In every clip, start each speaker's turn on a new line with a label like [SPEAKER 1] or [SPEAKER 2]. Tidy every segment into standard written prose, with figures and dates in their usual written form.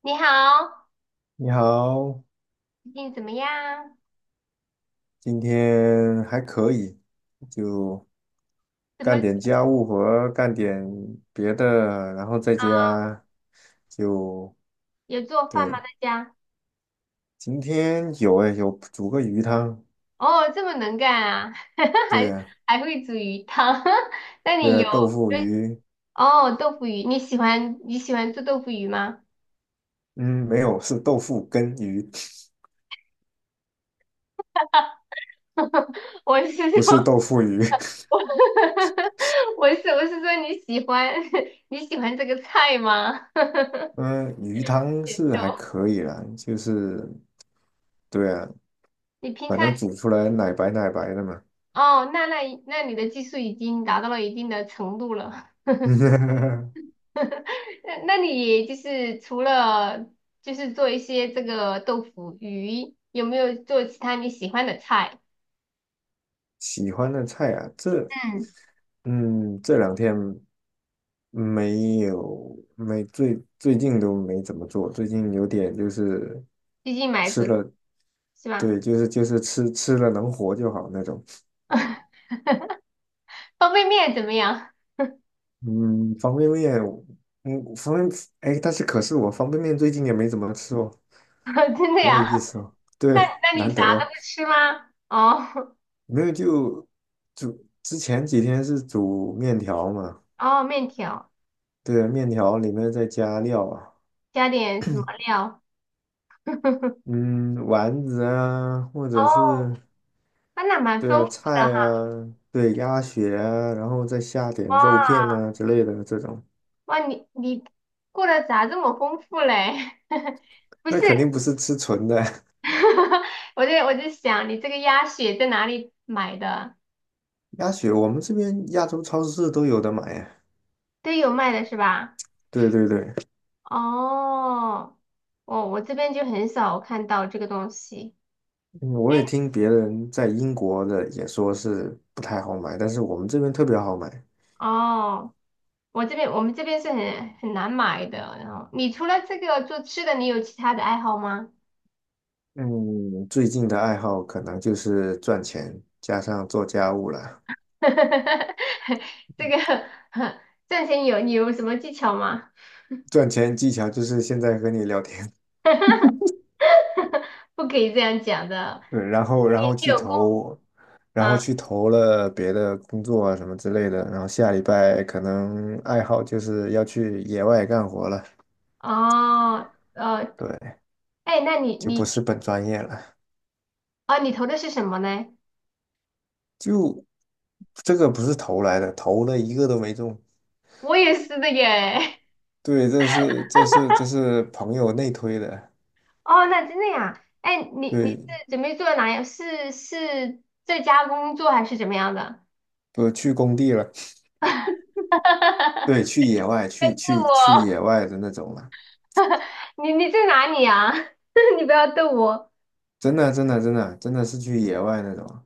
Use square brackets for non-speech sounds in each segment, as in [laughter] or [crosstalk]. [SPEAKER 1] 你好，
[SPEAKER 2] 你好。
[SPEAKER 1] 最近怎么样？
[SPEAKER 2] 今天还可以，就
[SPEAKER 1] 怎么
[SPEAKER 2] 干
[SPEAKER 1] 啊？
[SPEAKER 2] 点家务活，干点别的，然后在家就
[SPEAKER 1] 有做饭吗？
[SPEAKER 2] 对。
[SPEAKER 1] 在家？
[SPEAKER 2] 今天有诶，有煮个鱼汤。
[SPEAKER 1] 哦，这么能干啊，[laughs]
[SPEAKER 2] 对
[SPEAKER 1] 还
[SPEAKER 2] 啊。
[SPEAKER 1] 还会煮鱼汤。[laughs] 那
[SPEAKER 2] 对
[SPEAKER 1] 你
[SPEAKER 2] 啊，
[SPEAKER 1] 有
[SPEAKER 2] 豆腐鱼。
[SPEAKER 1] 哦豆腐鱼？你喜欢做豆腐鱼吗？
[SPEAKER 2] 嗯，没有，是豆腐跟鱼。
[SPEAKER 1] [laughs] 我是
[SPEAKER 2] [laughs] 不
[SPEAKER 1] 说，
[SPEAKER 2] 是豆腐鱼。
[SPEAKER 1] 我 [laughs] 我是说你喜欢 [laughs] 你喜欢这个菜吗？
[SPEAKER 2] [laughs]
[SPEAKER 1] [laughs]
[SPEAKER 2] 嗯，鱼汤
[SPEAKER 1] 也
[SPEAKER 2] 是还
[SPEAKER 1] 逗，
[SPEAKER 2] 可以啦，就是对啊，
[SPEAKER 1] 你平
[SPEAKER 2] 反
[SPEAKER 1] 常
[SPEAKER 2] 正煮出来奶白奶白的嘛。
[SPEAKER 1] 哦，那你的技术已经达到了一定的程度了。
[SPEAKER 2] [laughs]
[SPEAKER 1] [laughs] 那你就是除了就是做一些这个豆腐鱼，有没有做其他你喜欢的菜？
[SPEAKER 2] 喜欢的菜啊，这
[SPEAKER 1] 嗯，
[SPEAKER 2] 这两天。没有，没最最近都没怎么做，最近有点就是
[SPEAKER 1] 最近买
[SPEAKER 2] 吃
[SPEAKER 1] 的
[SPEAKER 2] 了。
[SPEAKER 1] 是吧？
[SPEAKER 2] 对，就是吃了能活就好那种。
[SPEAKER 1] 方便面怎么样？
[SPEAKER 2] 嗯，方便面。嗯，方便，哎，但是可是我方便面最近也没怎么吃哦。
[SPEAKER 1] [laughs] 真的
[SPEAKER 2] 很有
[SPEAKER 1] 呀？
[SPEAKER 2] 意思哦，
[SPEAKER 1] 那
[SPEAKER 2] 对，
[SPEAKER 1] 那你
[SPEAKER 2] 难
[SPEAKER 1] 啥
[SPEAKER 2] 得
[SPEAKER 1] 都
[SPEAKER 2] 哦。
[SPEAKER 1] 不吃吗？哦
[SPEAKER 2] 没有就煮，之前几天是煮面条嘛。
[SPEAKER 1] 哦，面条
[SPEAKER 2] 对，面条里面再加料啊。
[SPEAKER 1] 加点什么料？[laughs]
[SPEAKER 2] 嗯，丸子啊，或者是
[SPEAKER 1] 哦，啊那蛮
[SPEAKER 2] 对啊，
[SPEAKER 1] 丰富的
[SPEAKER 2] 菜
[SPEAKER 1] 哈。
[SPEAKER 2] 啊，对，鸭血啊，然后再下点肉片
[SPEAKER 1] 哇
[SPEAKER 2] 啊之类的这种。
[SPEAKER 1] 哇，你过得咋这么丰富嘞？[laughs] 不是。
[SPEAKER 2] 那肯定不是吃纯的。
[SPEAKER 1] [laughs] 我就想，你这个鸭血在哪里买的？
[SPEAKER 2] [laughs] 鸭血我们这边亚洲超市都有的买啊。
[SPEAKER 1] 都有卖的是吧？
[SPEAKER 2] 对对对。
[SPEAKER 1] 哦，哦，我这边就很少看到这个东西。
[SPEAKER 2] 嗯我也听别人在英国的也说是不太好买，但是我们这边特别好买。
[SPEAKER 1] 哦，我们这边是很难买的。然后，你除了这个做吃的，你有其他的爱好吗？
[SPEAKER 2] 嗯，最近的爱好可能就是赚钱，加上做家务了。
[SPEAKER 1] [laughs] 这个 [laughs] 赚钱你有什么技巧吗？
[SPEAKER 2] 赚钱技巧就是现在和你聊天。
[SPEAKER 1] [laughs] 不可以这样讲的，
[SPEAKER 2] 对，然后
[SPEAKER 1] 你
[SPEAKER 2] 去
[SPEAKER 1] 有功。
[SPEAKER 2] 投，然后
[SPEAKER 1] 嗯，
[SPEAKER 2] 去投了别的工作啊什么之类的，然后下礼拜可能爱好就是要去野外干活了。
[SPEAKER 1] 哦，
[SPEAKER 2] 对，
[SPEAKER 1] 哎，那你
[SPEAKER 2] 就不
[SPEAKER 1] 你
[SPEAKER 2] 是本专业了。
[SPEAKER 1] 啊，你投的是什么呢？
[SPEAKER 2] 就这个不是投来的，投了一个都没中。
[SPEAKER 1] 我也是的耶。[laughs]
[SPEAKER 2] 对，这是朋友内推的。
[SPEAKER 1] 哦，那真的呀？哎，你
[SPEAKER 2] 对，
[SPEAKER 1] 是准备做哪样？是在家工作还是怎么样的？
[SPEAKER 2] 不去工地了。对，
[SPEAKER 1] [laughs]
[SPEAKER 2] 去野外
[SPEAKER 1] 在
[SPEAKER 2] 去
[SPEAKER 1] 逗
[SPEAKER 2] 去去
[SPEAKER 1] 我
[SPEAKER 2] 野外的那种了。
[SPEAKER 1] 你在哪里啊？[laughs] 你不要逗我，
[SPEAKER 2] 真的是去野外那种。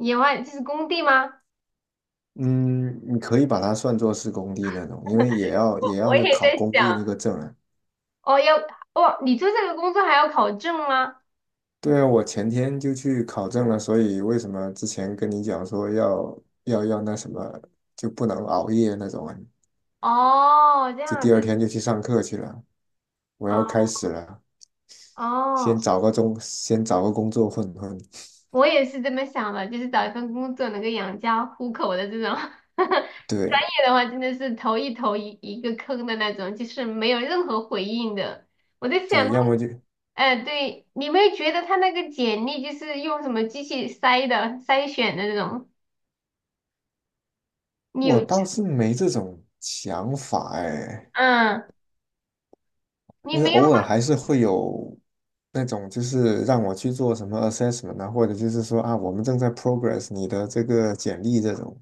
[SPEAKER 1] 野外这是工地吗？
[SPEAKER 2] 嗯，你可以把它算作是工地那种，因为也要
[SPEAKER 1] 我
[SPEAKER 2] 也要
[SPEAKER 1] 我
[SPEAKER 2] 那
[SPEAKER 1] 也
[SPEAKER 2] 考
[SPEAKER 1] 在
[SPEAKER 2] 工地
[SPEAKER 1] 想，
[SPEAKER 2] 那个证啊。
[SPEAKER 1] 哦，要哦，你做这个工作还要考证吗？
[SPEAKER 2] 对啊，我前天就去考证了，所以为什么之前跟你讲说要那什么就不能熬夜那种啊？
[SPEAKER 1] 哦，这
[SPEAKER 2] 就
[SPEAKER 1] 样
[SPEAKER 2] 第二
[SPEAKER 1] 子
[SPEAKER 2] 天就去上课去了，我
[SPEAKER 1] 啊，
[SPEAKER 2] 要开始了。
[SPEAKER 1] 哦，
[SPEAKER 2] 先找个工作混混。
[SPEAKER 1] 我也是这么想的，就是找一份工作能够养家糊口的这种。[laughs]
[SPEAKER 2] 对
[SPEAKER 1] 的话真的是投一个坑的那种，就是没有任何回应的。我在
[SPEAKER 2] 对，
[SPEAKER 1] 想，
[SPEAKER 2] 要么就
[SPEAKER 1] 哎、对，你没有觉得他那个简历就是用什么机器筛选的那种？你
[SPEAKER 2] 我
[SPEAKER 1] 有，
[SPEAKER 2] 倒是没这种想法哎。
[SPEAKER 1] 嗯，你
[SPEAKER 2] 因为
[SPEAKER 1] 没有
[SPEAKER 2] 偶尔还是会有那种，就是让我去做什么 assessment 啊，或者就是说啊，我们正在 progress 你的这个简历这种，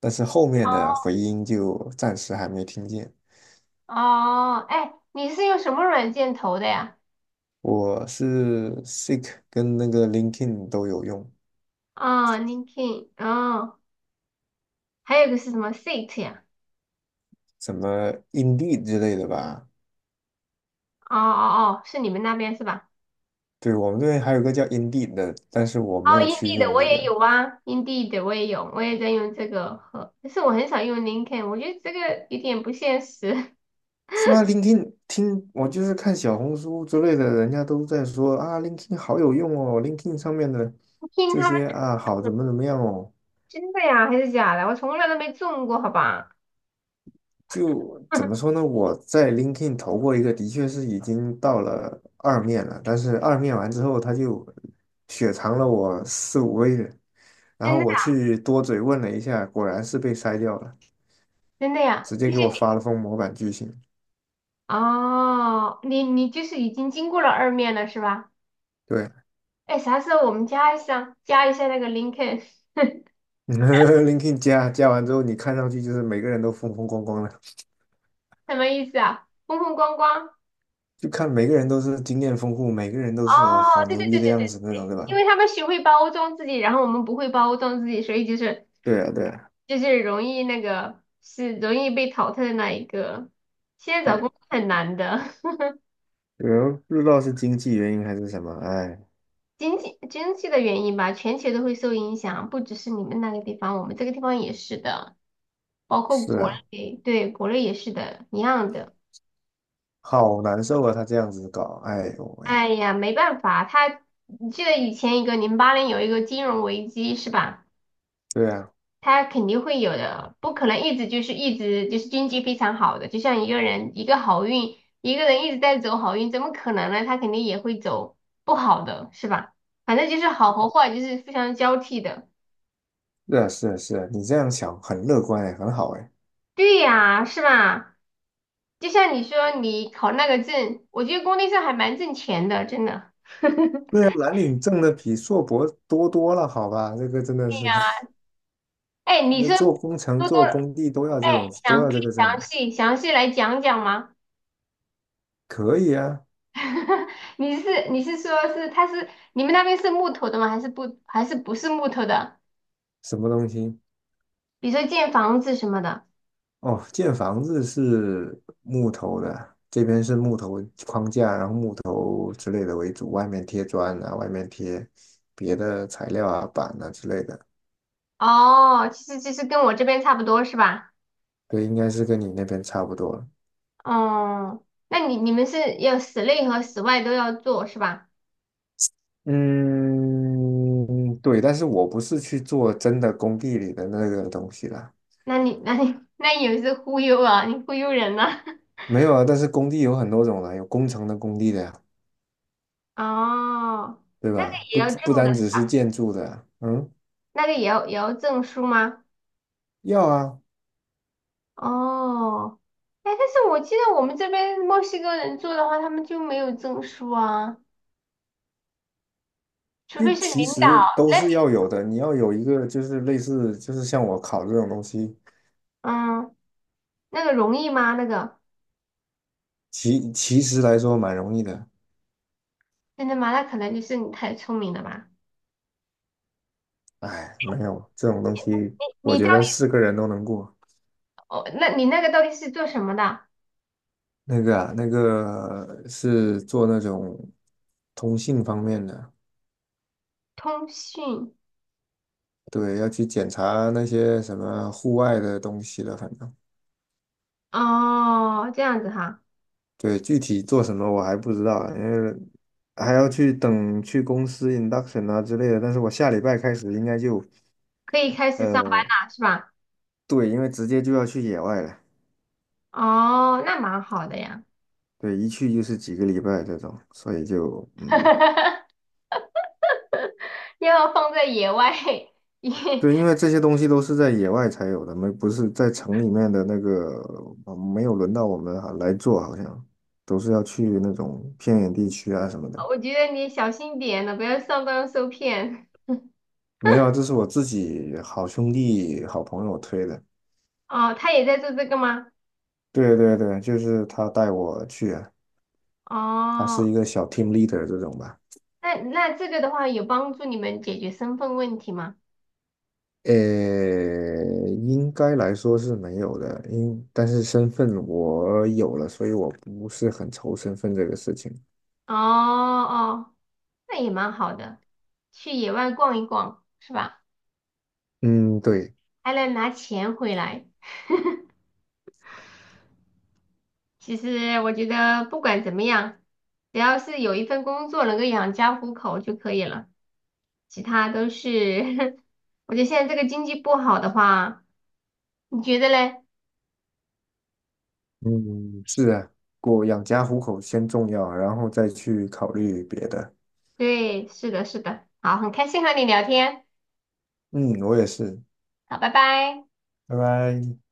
[SPEAKER 2] 但是后面的回音就暂时还没听见。
[SPEAKER 1] 哦，哎，你是用什么软件投的呀？
[SPEAKER 2] 我是 Seek 跟那个 LinkedIn 都有用。
[SPEAKER 1] 啊、LinkedIn 哦，还有个是什么 Seat 呀？
[SPEAKER 2] 什么 Indeed 之类的吧。
[SPEAKER 1] 哦哦哦，是你们那边是吧？
[SPEAKER 2] 对，我们这边还有个叫 Indeed 的，但是我
[SPEAKER 1] 哦
[SPEAKER 2] 没有去
[SPEAKER 1] ，Indeed 的
[SPEAKER 2] 用
[SPEAKER 1] 我
[SPEAKER 2] 那
[SPEAKER 1] 也
[SPEAKER 2] 个。
[SPEAKER 1] 有啊，Indeed 的我也有，我也在用这个和，但是我很少用 l i n c o l n 我觉得这个有点不现实。[laughs]
[SPEAKER 2] 是吗？ l i n k i n 听我就是看小红书之类的，人家都在说啊 l i n k i n 好有用哦， l i n k i n 上面的
[SPEAKER 1] 听
[SPEAKER 2] 这
[SPEAKER 1] 他们
[SPEAKER 2] 些啊，好怎么怎么样哦。
[SPEAKER 1] 真的呀还是假的？我从来都没中过，好吧？
[SPEAKER 2] 就怎么说
[SPEAKER 1] [laughs]
[SPEAKER 2] 呢？我在 l i n k i n 投过一个，的确是已经到了二面了，但是二面完之后，他就雪藏了我4、5个月，然
[SPEAKER 1] 真的
[SPEAKER 2] 后我
[SPEAKER 1] 呀，
[SPEAKER 2] 去多嘴问了一下，果然是被筛掉了，
[SPEAKER 1] 真的呀，
[SPEAKER 2] 直接
[SPEAKER 1] 就是
[SPEAKER 2] 给我发了封模板拒信。
[SPEAKER 1] 哦，你就是已经经过了二面了是吧？
[SPEAKER 2] 对。
[SPEAKER 1] 哎，啥时候我们加一下那个 l i n c o l n [laughs]
[SPEAKER 2] [laughs]，LinkedIn 加完之后，你看上去就是每个人都风风光光的。
[SPEAKER 1] 什么意思啊？风风光光。
[SPEAKER 2] 就看每个人都是经验丰富，每个人都是哦
[SPEAKER 1] 哦，
[SPEAKER 2] 好
[SPEAKER 1] 对
[SPEAKER 2] 牛
[SPEAKER 1] 对
[SPEAKER 2] 逼
[SPEAKER 1] 对
[SPEAKER 2] 的
[SPEAKER 1] 对
[SPEAKER 2] 样
[SPEAKER 1] 对
[SPEAKER 2] 子那种，
[SPEAKER 1] 对，
[SPEAKER 2] 对
[SPEAKER 1] 因
[SPEAKER 2] 吧？
[SPEAKER 1] 为他们学会包装自己，然后我们不会包装自己，所以就是
[SPEAKER 2] 对啊，对啊。
[SPEAKER 1] 就是容易那个是容易被淘汰的那一个。现在找
[SPEAKER 2] 哎，
[SPEAKER 1] 工作很难的，
[SPEAKER 2] 有人不知道是经济原因还是什么。哎，
[SPEAKER 1] [laughs] 经济的原因吧，全球都会受影响，不只是你们那个地方，我们这个地方也是的，包括
[SPEAKER 2] 是
[SPEAKER 1] 国
[SPEAKER 2] 啊，
[SPEAKER 1] 内，对，国内也是的，一样的。
[SPEAKER 2] 好难受啊，他这样子搞，哎呦喂。
[SPEAKER 1] 哎呀，没办法，他，你记得以前一个08年有一个金融危机是吧？
[SPEAKER 2] 对啊，
[SPEAKER 1] 他肯定会有的，不可能一直就是经济非常好的，就像一个人一个好运，一个人一直在走好运，怎么可能呢？他肯定也会走不好的，是吧？反正就是好和坏就是非常交替的。
[SPEAKER 2] 是啊，是啊，是啊你这样想很乐观哎，很好哎。
[SPEAKER 1] 对呀，是吧？就像你说你考那个证，我觉得工地上还蛮挣钱的，真的。[laughs]
[SPEAKER 2] 对啊，蓝领挣的比硕博多多了，好吧，这个真的是。
[SPEAKER 1] 哎，
[SPEAKER 2] [laughs]
[SPEAKER 1] 你
[SPEAKER 2] 那
[SPEAKER 1] 是
[SPEAKER 2] 做工程、
[SPEAKER 1] 多多
[SPEAKER 2] 做工地都要这种，
[SPEAKER 1] 你
[SPEAKER 2] 都
[SPEAKER 1] 想可
[SPEAKER 2] 要这
[SPEAKER 1] 以
[SPEAKER 2] 个
[SPEAKER 1] 详
[SPEAKER 2] 证。
[SPEAKER 1] 细详细来讲讲吗？
[SPEAKER 2] 可以啊。
[SPEAKER 1] [laughs] 你是你是说是他是你们那边是木头的吗？还是不是木头的？
[SPEAKER 2] 什么东西？
[SPEAKER 1] 比如说建房子什么的。
[SPEAKER 2] 哦，建房子是木头的，这边是木头框架，然后木头之类的为主，外面贴砖啊，外面贴别的材料啊、板啊之类的。
[SPEAKER 1] 哦，其实跟我这边差不多是吧？
[SPEAKER 2] 对，应该是跟你那边差不多了。
[SPEAKER 1] 哦，那你们是要室内和室外都要做是吧？
[SPEAKER 2] 嗯，对，但是我不是去做真的工地里的那个东西啦。
[SPEAKER 1] 那你 [laughs] 那也是忽悠啊，你忽悠人呐、
[SPEAKER 2] 没有啊。但是工地有很多种啦，有工程的工地的呀，
[SPEAKER 1] [laughs] 哦，
[SPEAKER 2] 对
[SPEAKER 1] 那个
[SPEAKER 2] 吧？
[SPEAKER 1] 也
[SPEAKER 2] 不
[SPEAKER 1] 要证
[SPEAKER 2] 不
[SPEAKER 1] 的，
[SPEAKER 2] 单只是建筑的啊嗯。
[SPEAKER 1] 那个也要证书吗？
[SPEAKER 2] 要啊。
[SPEAKER 1] 哦，哎，但是我记得我们这边墨西哥人做的话，他们就没有证书啊。除
[SPEAKER 2] 就
[SPEAKER 1] 非是
[SPEAKER 2] 其
[SPEAKER 1] 领
[SPEAKER 2] 实都
[SPEAKER 1] 导，
[SPEAKER 2] 是要有的，你要有一个就是类似就是像我考这种东西。
[SPEAKER 1] 那那个容易吗？那个
[SPEAKER 2] 其实来说蛮容易的。
[SPEAKER 1] 真的吗？那可能就是你太聪明了吧？
[SPEAKER 2] 哎，没有这种东西。我
[SPEAKER 1] 你到
[SPEAKER 2] 觉得
[SPEAKER 1] 底
[SPEAKER 2] 是个人都能过。
[SPEAKER 1] 哦，那你那个到底是做什么的？
[SPEAKER 2] 那个啊，那个是做那种通信方面的。
[SPEAKER 1] 通讯
[SPEAKER 2] 对，要去检查那些什么户外的东西了。反正
[SPEAKER 1] 哦，这样子哈，
[SPEAKER 2] 对，具体做什么我还不知道啊因为还要去等去公司 induction 啊之类的。但是我下礼拜开始应该就。
[SPEAKER 1] 可以开始上班
[SPEAKER 2] 呃，
[SPEAKER 1] 了是吧？
[SPEAKER 2] 对，因为直接就要去野外了。
[SPEAKER 1] 哦，那蛮好的呀，
[SPEAKER 2] 对，一去就是几个礼拜这种，所以就嗯。
[SPEAKER 1] [laughs] 要放在野外，[laughs] 也
[SPEAKER 2] 对，因为这些东西都是在野外才有的，没不是在城里面的那个。没有轮到我们哈来做，好像都是要去那种偏远地区啊什么的。
[SPEAKER 1] 我觉得你小心点了，不要上当受骗。
[SPEAKER 2] 没有啊，
[SPEAKER 1] [laughs]
[SPEAKER 2] 这是我自己好兄弟、好朋友推的。
[SPEAKER 1] 哦，他也在做这个吗？
[SPEAKER 2] 对对对，就是他带我去啊。他
[SPEAKER 1] 哦，
[SPEAKER 2] 是一个小 team leader 这种吧。
[SPEAKER 1] 那这个的话有帮助你们解决身份问题吗？
[SPEAKER 2] 呃，应该来说是没有的，因但是身份我有了，所以我不是很愁身份这个事情。
[SPEAKER 1] 哦哦，那也蛮好的，去野外逛一逛，是吧？
[SPEAKER 2] 嗯，对。
[SPEAKER 1] 还能拿钱回来。其实我觉得不管怎么样，只要是有一份工作能够养家糊口就可以了，其他都是。[laughs] 我觉得现在这个经济不好的话，你觉得嘞？
[SPEAKER 2] 嗯，是啊，过养家糊口先重要，然后再去考虑别的。
[SPEAKER 1] 对，是的，是的。好，很开心和你聊天，
[SPEAKER 2] 嗯，我也是。
[SPEAKER 1] 好，拜拜。
[SPEAKER 2] 拜拜。